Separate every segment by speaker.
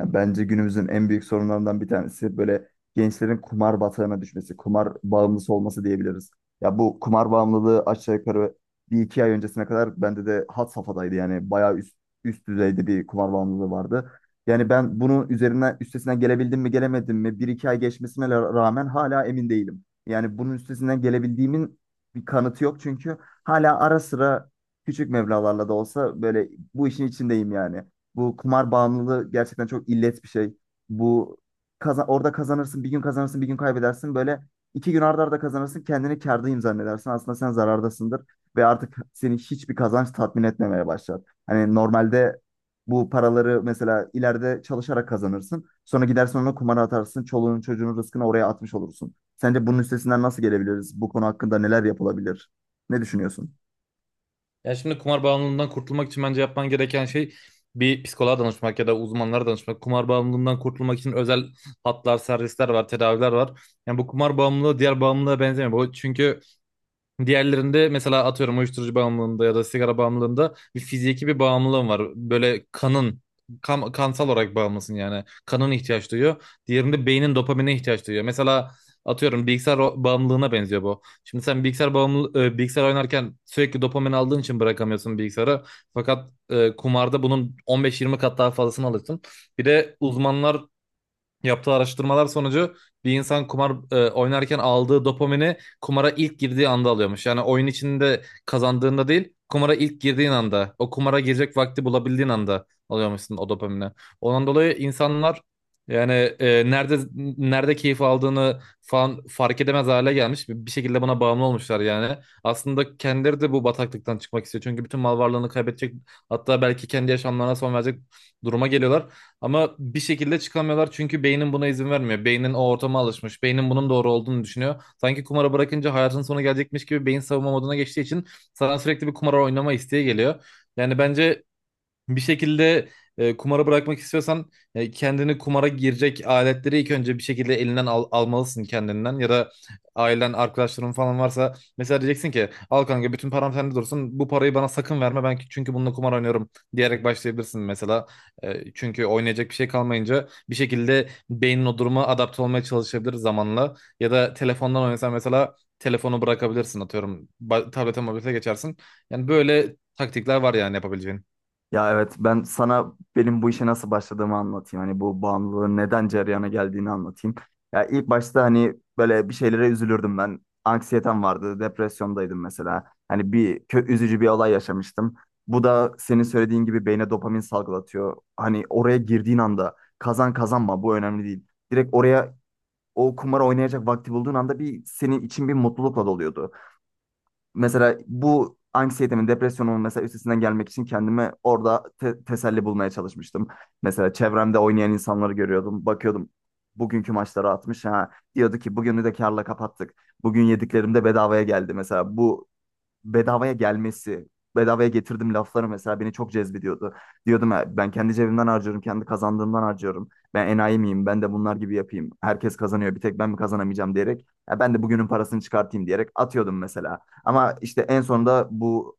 Speaker 1: Ya bence günümüzün en büyük sorunlarından bir tanesi böyle gençlerin kumar batağına düşmesi, kumar bağımlısı olması diyebiliriz. Ya bu kumar bağımlılığı aşağı yukarı bir iki ay öncesine kadar bende de had safhadaydı. Yani bayağı üst düzeyde bir kumar bağımlılığı vardı. Yani ben bunun üzerinden üstesinden gelebildim mi gelemedim mi bir iki ay geçmesine rağmen hala emin değilim. Yani bunun üstesinden gelebildiğimin bir kanıtı yok çünkü hala ara sıra küçük meblağlarla da olsa böyle bu işin içindeyim yani. Bu kumar bağımlılığı gerçekten çok illet bir şey. Bu Orada kazanırsın, bir gün kazanırsın, bir gün kaybedersin. Böyle iki gün arda arda kazanırsın, kendini kârdayım zannedersin. Aslında sen zarardasındır ve artık seni hiçbir kazanç tatmin etmemeye başlar. Hani normalde bu paraları mesela ileride çalışarak kazanırsın. Sonra gidersin onu kumara atarsın. Çoluğunun çocuğunun rızkını oraya atmış olursun. Sence bunun üstesinden nasıl gelebiliriz? Bu konu hakkında neler yapılabilir? Ne düşünüyorsun?
Speaker 2: Ya şimdi kumar bağımlılığından kurtulmak için bence yapman gereken şey bir psikoloğa danışmak ya da uzmanlara danışmak. Kumar bağımlılığından kurtulmak için özel hatlar, servisler var, tedaviler var. Yani bu kumar bağımlılığı diğer bağımlılığa benzemiyor. Bu çünkü diğerlerinde mesela atıyorum uyuşturucu bağımlılığında ya da sigara bağımlılığında bir fiziki bir bağımlılığın var. Böyle kansal olarak bağımlısın yani. Kanın ihtiyaç duyuyor. Diğerinde beynin dopamine ihtiyaç duyuyor. Mesela atıyorum bilgisayar bağımlılığına benziyor bu. Şimdi sen bilgisayar oynarken sürekli dopamin aldığın için bırakamıyorsun bilgisayarı. Fakat kumarda bunun 15-20 kat daha fazlasını alırsın. Bir de uzmanlar yaptığı araştırmalar sonucu bir insan kumar oynarken aldığı dopamini kumara ilk girdiği anda alıyormuş. Yani oyun içinde kazandığında değil, kumara ilk girdiğin anda, o kumara girecek vakti bulabildiğin anda alıyormuşsun o dopamini. Ondan dolayı insanlar yani, nerede keyif aldığını falan fark edemez hale gelmiş. Bir şekilde buna bağımlı olmuşlar yani. Aslında kendileri de bu bataklıktan çıkmak istiyor. Çünkü bütün mal varlığını kaybedecek, hatta belki kendi yaşamlarına son verecek duruma geliyorlar. Ama bir şekilde çıkamıyorlar çünkü beynin buna izin vermiyor. Beynin o ortama alışmış. Beynin bunun doğru olduğunu düşünüyor. Sanki kumara bırakınca hayatın sonu gelecekmiş gibi beyin savunma moduna geçtiği için sana sürekli bir kumar oynama isteği geliyor. Yani bence bir şekilde, kumara bırakmak istiyorsan, kendini kumara girecek aletleri ilk önce bir şekilde elinden almalısın kendinden, ya da ailen arkadaşların falan varsa mesela diyeceksin ki, al kanka bütün param sende dursun, bu parayı bana sakın verme ben çünkü bununla kumar oynuyorum diyerek başlayabilirsin mesela. Çünkü oynayacak bir şey kalmayınca bir şekilde beynin o duruma adapte olmaya çalışabilir zamanla, ya da telefondan oynasan mesela telefonu bırakabilirsin, atıyorum tablete mobilite geçersin. Yani böyle taktikler var yani yapabileceğin.
Speaker 1: Ya evet, ben sana benim bu işe nasıl başladığımı anlatayım. Hani bu bağımlılığın neden cereyana geldiğini anlatayım. Ya ilk başta hani böyle bir şeylere üzülürdüm ben. Anksiyetem vardı, depresyondaydım mesela. Hani bir kö üzücü bir olay yaşamıştım. Bu da senin söylediğin gibi beyne dopamin salgılatıyor. Hani oraya girdiğin anda kazan kazanma bu önemli değil. Direkt oraya o kumarı oynayacak vakti bulduğun anda bir senin için bir mutlulukla doluyordu. Mesela bu anksiyetemin, depresyonumun mesela üstesinden gelmek için kendime orada teselli bulmaya çalışmıştım. Mesela çevremde oynayan insanları görüyordum. Bakıyordum bugünkü maçları atmış. Ha, diyordu ki bugünü de karla kapattık. Bugün yediklerim de bedavaya geldi. Mesela bu bedavaya gelmesi, bedavaya getirdim lafları mesela beni çok cezbediyordu. Diyordum: "Ha, ben kendi cebimden harcıyorum, kendi kazandığımdan harcıyorum. Ben enayi miyim? Ben de bunlar gibi yapayım. Herkes kazanıyor, bir tek ben mi kazanamayacağım?" diyerek. "Ya ben de bugünün parasını çıkartayım" diyerek atıyordum mesela. Ama işte en sonunda bu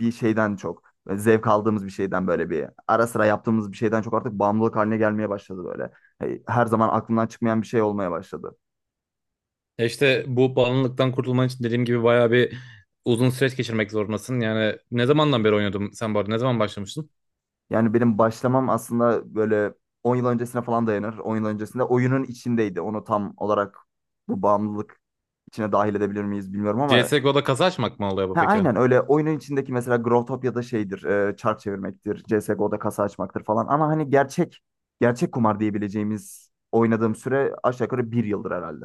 Speaker 1: bir şeyden çok zevk aldığımız bir şeyden, böyle bir ara sıra yaptığımız bir şeyden çok artık bağımlılık haline gelmeye başladı böyle. Hey, her zaman aklımdan çıkmayan bir şey olmaya başladı.
Speaker 2: Ya işte bu bağımlılıktan kurtulman için dediğim gibi bayağı bir uzun süreç geçirmek zorundasın. Yani ne zamandan beri oynuyordun sen bu arada? Ne zaman başlamıştın?
Speaker 1: Yani benim başlamam aslında böyle 10 yıl öncesine falan dayanır. 10 yıl öncesinde oyunun içindeydi. Onu tam olarak bu bağımlılık içine dahil edebilir miyiz bilmiyorum ama
Speaker 2: CSGO'da kasa açmak mı oluyor bu
Speaker 1: ha,
Speaker 2: peki?
Speaker 1: aynen öyle, oyunun içindeki mesela Growtopia'da şeydir, çark çevirmektir, CSGO'da kasa açmaktır falan, ama hani gerçek kumar diyebileceğimiz oynadığım süre aşağı yukarı 1 yıldır herhalde.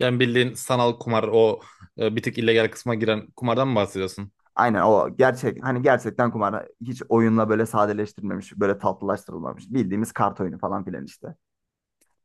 Speaker 2: Yani bildiğin sanal kumar, o bir tık illegal kısma giren kumardan mı bahsediyorsun?
Speaker 1: Aynen o gerçek, hani gerçekten kumar, hiç oyunla böyle sadeleştirilmemiş, böyle tatlılaştırılmamış. Bildiğimiz kart oyunu falan filan işte.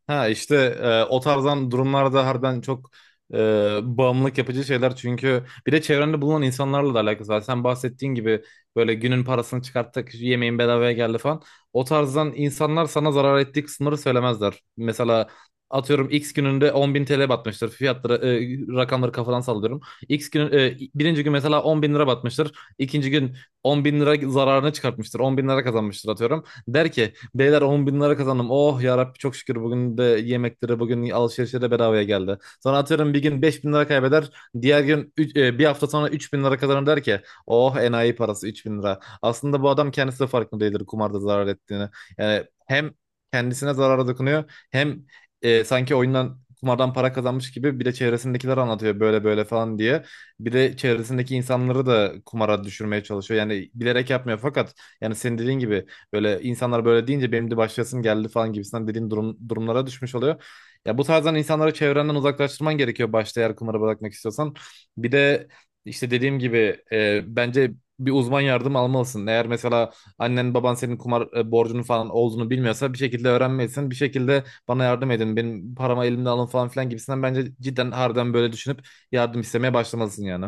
Speaker 2: Ha işte, o tarzdan durumlarda harbiden çok e, bağımlılık yapıcı şeyler, çünkü bir de çevrende bulunan insanlarla da alakası var. Sen bahsettiğin gibi, böyle günün parasını çıkarttık, yemeğin bedavaya geldi falan. O tarzdan insanlar sana zarar ettiği sınırı söylemezler. Mesela atıyorum X gününde 10.000 TL batmıştır. Rakamları kafadan sallıyorum. X günü, birinci gün mesela 10 bin lira batmıştır. İkinci gün 10 bin lira zararını çıkartmıştır. 10 bin lira kazanmıştır atıyorum. Der ki, beyler 10 bin lira kazandım. Oh yarabbi çok şükür, bugün de yemekleri bugün alışverişe de bedavaya geldi. Sonra atıyorum bir gün 5 bin lira kaybeder. Diğer gün bir hafta sonra 3 bin lira kazanır, der ki oh enayi parası 3 bin lira. Aslında bu adam kendisi de farkında değildir kumarda zarar ettiğini. Yani hem kendisine zarara dokunuyor, hem sanki oyundan kumardan para kazanmış gibi bir de çevresindekiler anlatıyor böyle böyle falan diye. Bir de çevresindeki insanları da kumara düşürmeye çalışıyor. Yani bilerek yapmıyor, fakat yani senin dediğin gibi böyle insanlar böyle deyince benim de başlasın geldi falan gibisinden dediğin durumlara düşmüş oluyor. Ya bu tarzdan insanları çevrenden uzaklaştırman gerekiyor başta, eğer kumara bırakmak istiyorsan. Bir de işte dediğim gibi, bence bir uzman yardım almalısın. Eğer mesela annen baban senin kumar borcunun falan olduğunu bilmiyorsa bir şekilde öğrenmelisin. Bir şekilde bana yardım edin, benim paramı elimden alın falan filan gibisinden bence cidden harbiden böyle düşünüp yardım istemeye başlamalısın yani.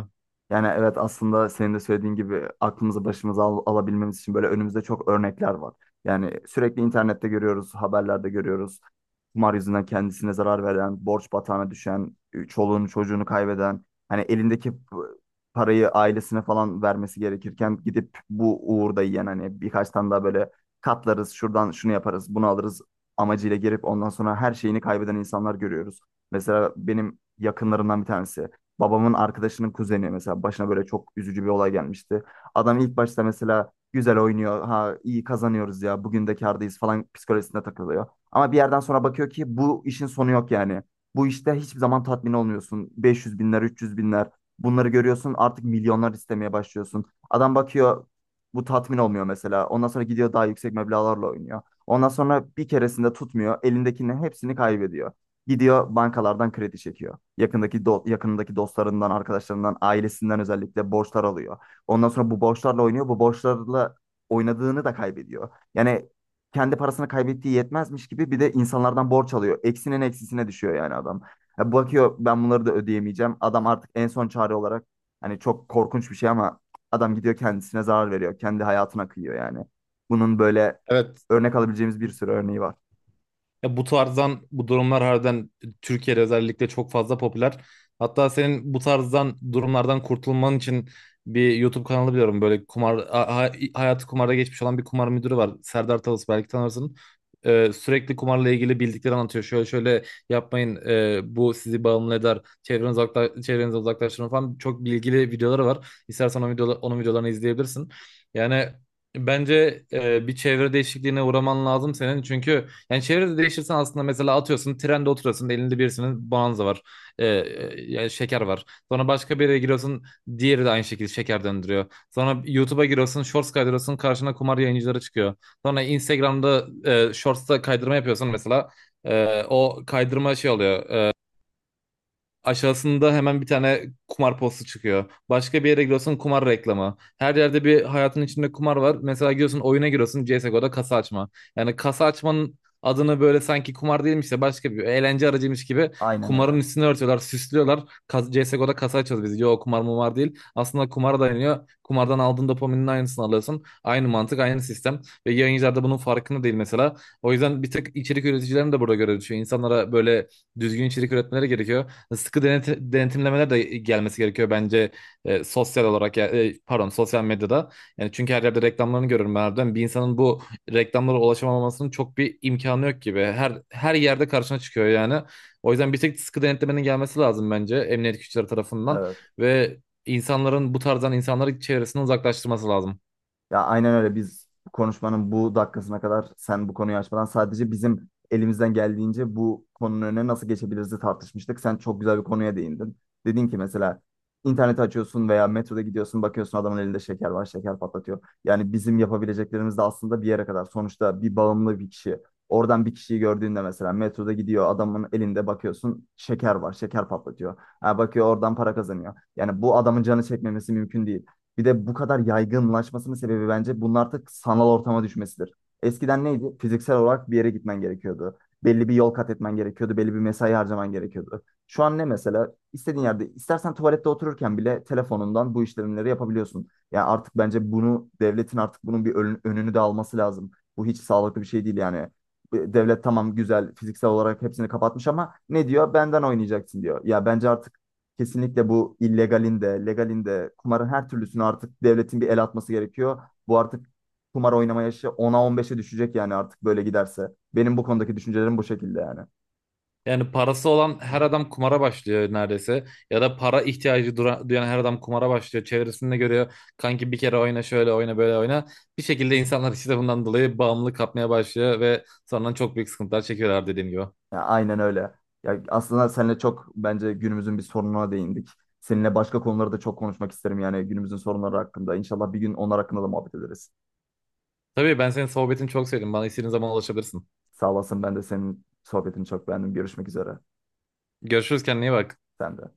Speaker 1: Yani evet, aslında senin de söylediğin gibi aklımızı başımıza alabilmemiz için böyle önümüzde çok örnekler var. Yani sürekli internette görüyoruz, haberlerde görüyoruz. Kumar yüzünden kendisine zarar veren, borç batağına düşen, çoluğunu çocuğunu kaybeden, hani elindeki parayı ailesine falan vermesi gerekirken gidip bu uğurda yiyen, hani birkaç tane daha böyle katlarız, şuradan şunu yaparız, bunu alırız amacıyla girip ondan sonra her şeyini kaybeden insanlar görüyoruz. Mesela benim yakınlarımdan bir tanesi. Babamın arkadaşının kuzeni mesela, başına böyle çok üzücü bir olay gelmişti. Adam ilk başta mesela güzel oynuyor. Ha, iyi kazanıyoruz ya. Bugün de kârdayız falan psikolojisinde takılıyor. Ama bir yerden sonra bakıyor ki bu işin sonu yok yani. Bu işte hiçbir zaman tatmin olmuyorsun. 500 binler, 300 binler, bunları görüyorsun, artık milyonlar istemeye başlıyorsun. Adam bakıyor bu tatmin olmuyor mesela. Ondan sonra gidiyor daha yüksek meblağlarla oynuyor. Ondan sonra bir keresinde tutmuyor. Elindekinin hepsini kaybediyor. Gidiyor bankalardan kredi çekiyor. Yakındaki dostlarından, arkadaşlarından, ailesinden özellikle borçlar alıyor. Ondan sonra bu borçlarla oynuyor. Bu borçlarla oynadığını da kaybediyor. Yani kendi parasını kaybettiği yetmezmiş gibi bir de insanlardan borç alıyor. Eksinin eksisine düşüyor yani adam. Ya bakıyor, ben bunları da ödeyemeyeceğim. Adam artık en son çare olarak, hani çok korkunç bir şey ama, adam gidiyor kendisine zarar veriyor. Kendi hayatına kıyıyor yani. Bunun böyle
Speaker 2: Evet.
Speaker 1: örnek alabileceğimiz bir sürü örneği var.
Speaker 2: Ya bu tarzdan bu durumlar harbiden Türkiye'de özellikle çok fazla popüler. Hatta senin bu tarzdan durumlardan kurtulman için bir YouTube kanalı biliyorum. Böyle kumar hayatı kumarda geçmiş olan bir kumar müdürü var. Serdar Talus, belki tanırsın. Sürekli kumarla ilgili bildikleri anlatıyor. Şöyle şöyle yapmayın, bu sizi bağımlı eder. Çevrenize uzaklaştırın falan. Çok bilgili videoları var. İstersen onun videolarını izleyebilirsin. Yani bence bir çevre değişikliğine uğraman lazım senin. Çünkü yani çevrede değiştirsen aslında, mesela atıyorsun trende oturuyorsun, elinde birisinin bonanza var. Yani şeker var. Sonra başka bir yere giriyorsun, diğeri de aynı şekilde şeker döndürüyor. Sonra YouTube'a giriyorsun, shorts kaydırıyorsun, karşına kumar yayıncıları çıkıyor. Sonra Instagram'da shorts'ta kaydırma yapıyorsun mesela. O kaydırma şey oluyor. Aşağısında hemen bir tane kumar postu çıkıyor. Başka bir yere giriyorsun, kumar reklamı. Her yerde bir hayatın içinde kumar var. Mesela giriyorsun, oyuna giriyorsun, CSGO'da kasa açma. Yani kasa açmanın adını böyle sanki kumar değilmiş de başka bir eğlence aracıymış gibi
Speaker 1: Aynen
Speaker 2: kumarın
Speaker 1: öyle.
Speaker 2: üstüne örtüyorlar, süslüyorlar. CSGO'da kasa açıyoruz biz. Yo kumar mı var, değil. Aslında kumara dayanıyor. Kumardan aldığın dopaminin aynısını alıyorsun. Aynı mantık, aynı sistem. Ve yayıncılar da bunun farkında değil mesela. O yüzden bir tek içerik üreticilerin de burada görevi düşüyor. İnsanlara böyle düzgün içerik üretmeleri gerekiyor, sıkı denetimlemeler de gelmesi gerekiyor bence, sosyal olarak pardon, sosyal medyada. Yani çünkü her yerde reklamlarını görüyorum ben harbiden. Bir insanın bu reklamlara ulaşamamasının çok bir imkanı yok gibi. Her yerde karşına çıkıyor yani. O yüzden bir tek sıkı denetlemenin gelmesi lazım bence emniyet güçleri tarafından
Speaker 1: Evet.
Speaker 2: ve insanların bu tarzdan insanları çevresinden uzaklaştırması lazım.
Speaker 1: Ya aynen öyle, biz konuşmanın bu dakikasına kadar sen bu konuyu açmadan sadece bizim elimizden geldiğince bu konunun önüne nasıl geçebiliriz tartışmıştık. Sen çok güzel bir konuya değindin. Dedin ki mesela interneti açıyorsun veya metroda gidiyorsun, bakıyorsun adamın elinde şeker var, şeker patlatıyor. Yani bizim yapabileceklerimiz de aslında bir yere kadar. Sonuçta bir bağımlı bir kişi oradan bir kişiyi gördüğünde, mesela metroda gidiyor, adamın elinde bakıyorsun şeker var, şeker patlatıyor. Ha, bakıyor oradan para kazanıyor. Yani bu adamın canı çekmemesi mümkün değil. Bir de bu kadar yaygınlaşmasının sebebi bence bunun artık sanal ortama düşmesidir. Eskiden neydi? Fiziksel olarak bir yere gitmen gerekiyordu. Belli bir yol kat etmen gerekiyordu. Belli bir mesai harcaman gerekiyordu. Şu an ne mesela? İstediğin yerde, istersen tuvalette otururken bile telefonundan bu işlemleri yapabiliyorsun. Yani artık bence bunu, devletin artık bunun bir önünü de alması lazım. Bu hiç sağlıklı bir şey değil yani. Devlet tamam, güzel, fiziksel olarak hepsini kapatmış ama ne diyor? Benden oynayacaksın diyor. Ya bence artık kesinlikle bu illegalin de, legalin de, kumarın her türlüsünü artık devletin bir el atması gerekiyor. Bu artık kumar oynama yaşı 10'a 15'e düşecek yani artık böyle giderse. Benim bu konudaki düşüncelerim bu şekilde yani.
Speaker 2: Yani parası olan her adam kumara başlıyor neredeyse. Ya da para ihtiyacı duyan her adam kumara başlıyor. Çevresinde görüyor. Kanki bir kere oyna, şöyle oyna, böyle oyna. Bir şekilde insanlar işte bundan dolayı bağımlılık kapmaya başlıyor ve sonra çok büyük sıkıntılar çekiyorlar, dediğim gibi.
Speaker 1: Ya aynen öyle. Ya aslında seninle çok bence günümüzün bir sorununa değindik. Seninle başka konuları da çok konuşmak isterim yani günümüzün sorunları hakkında. İnşallah bir gün onlar hakkında da muhabbet ederiz.
Speaker 2: Tabii ben senin sohbetini çok sevdim. Bana istediğin zaman ulaşabilirsin.
Speaker 1: Sağ olasın, ben de senin sohbetini çok beğendim. Görüşmek üzere.
Speaker 2: Görüşürüz, kendine iyi bak.
Speaker 1: Sen de.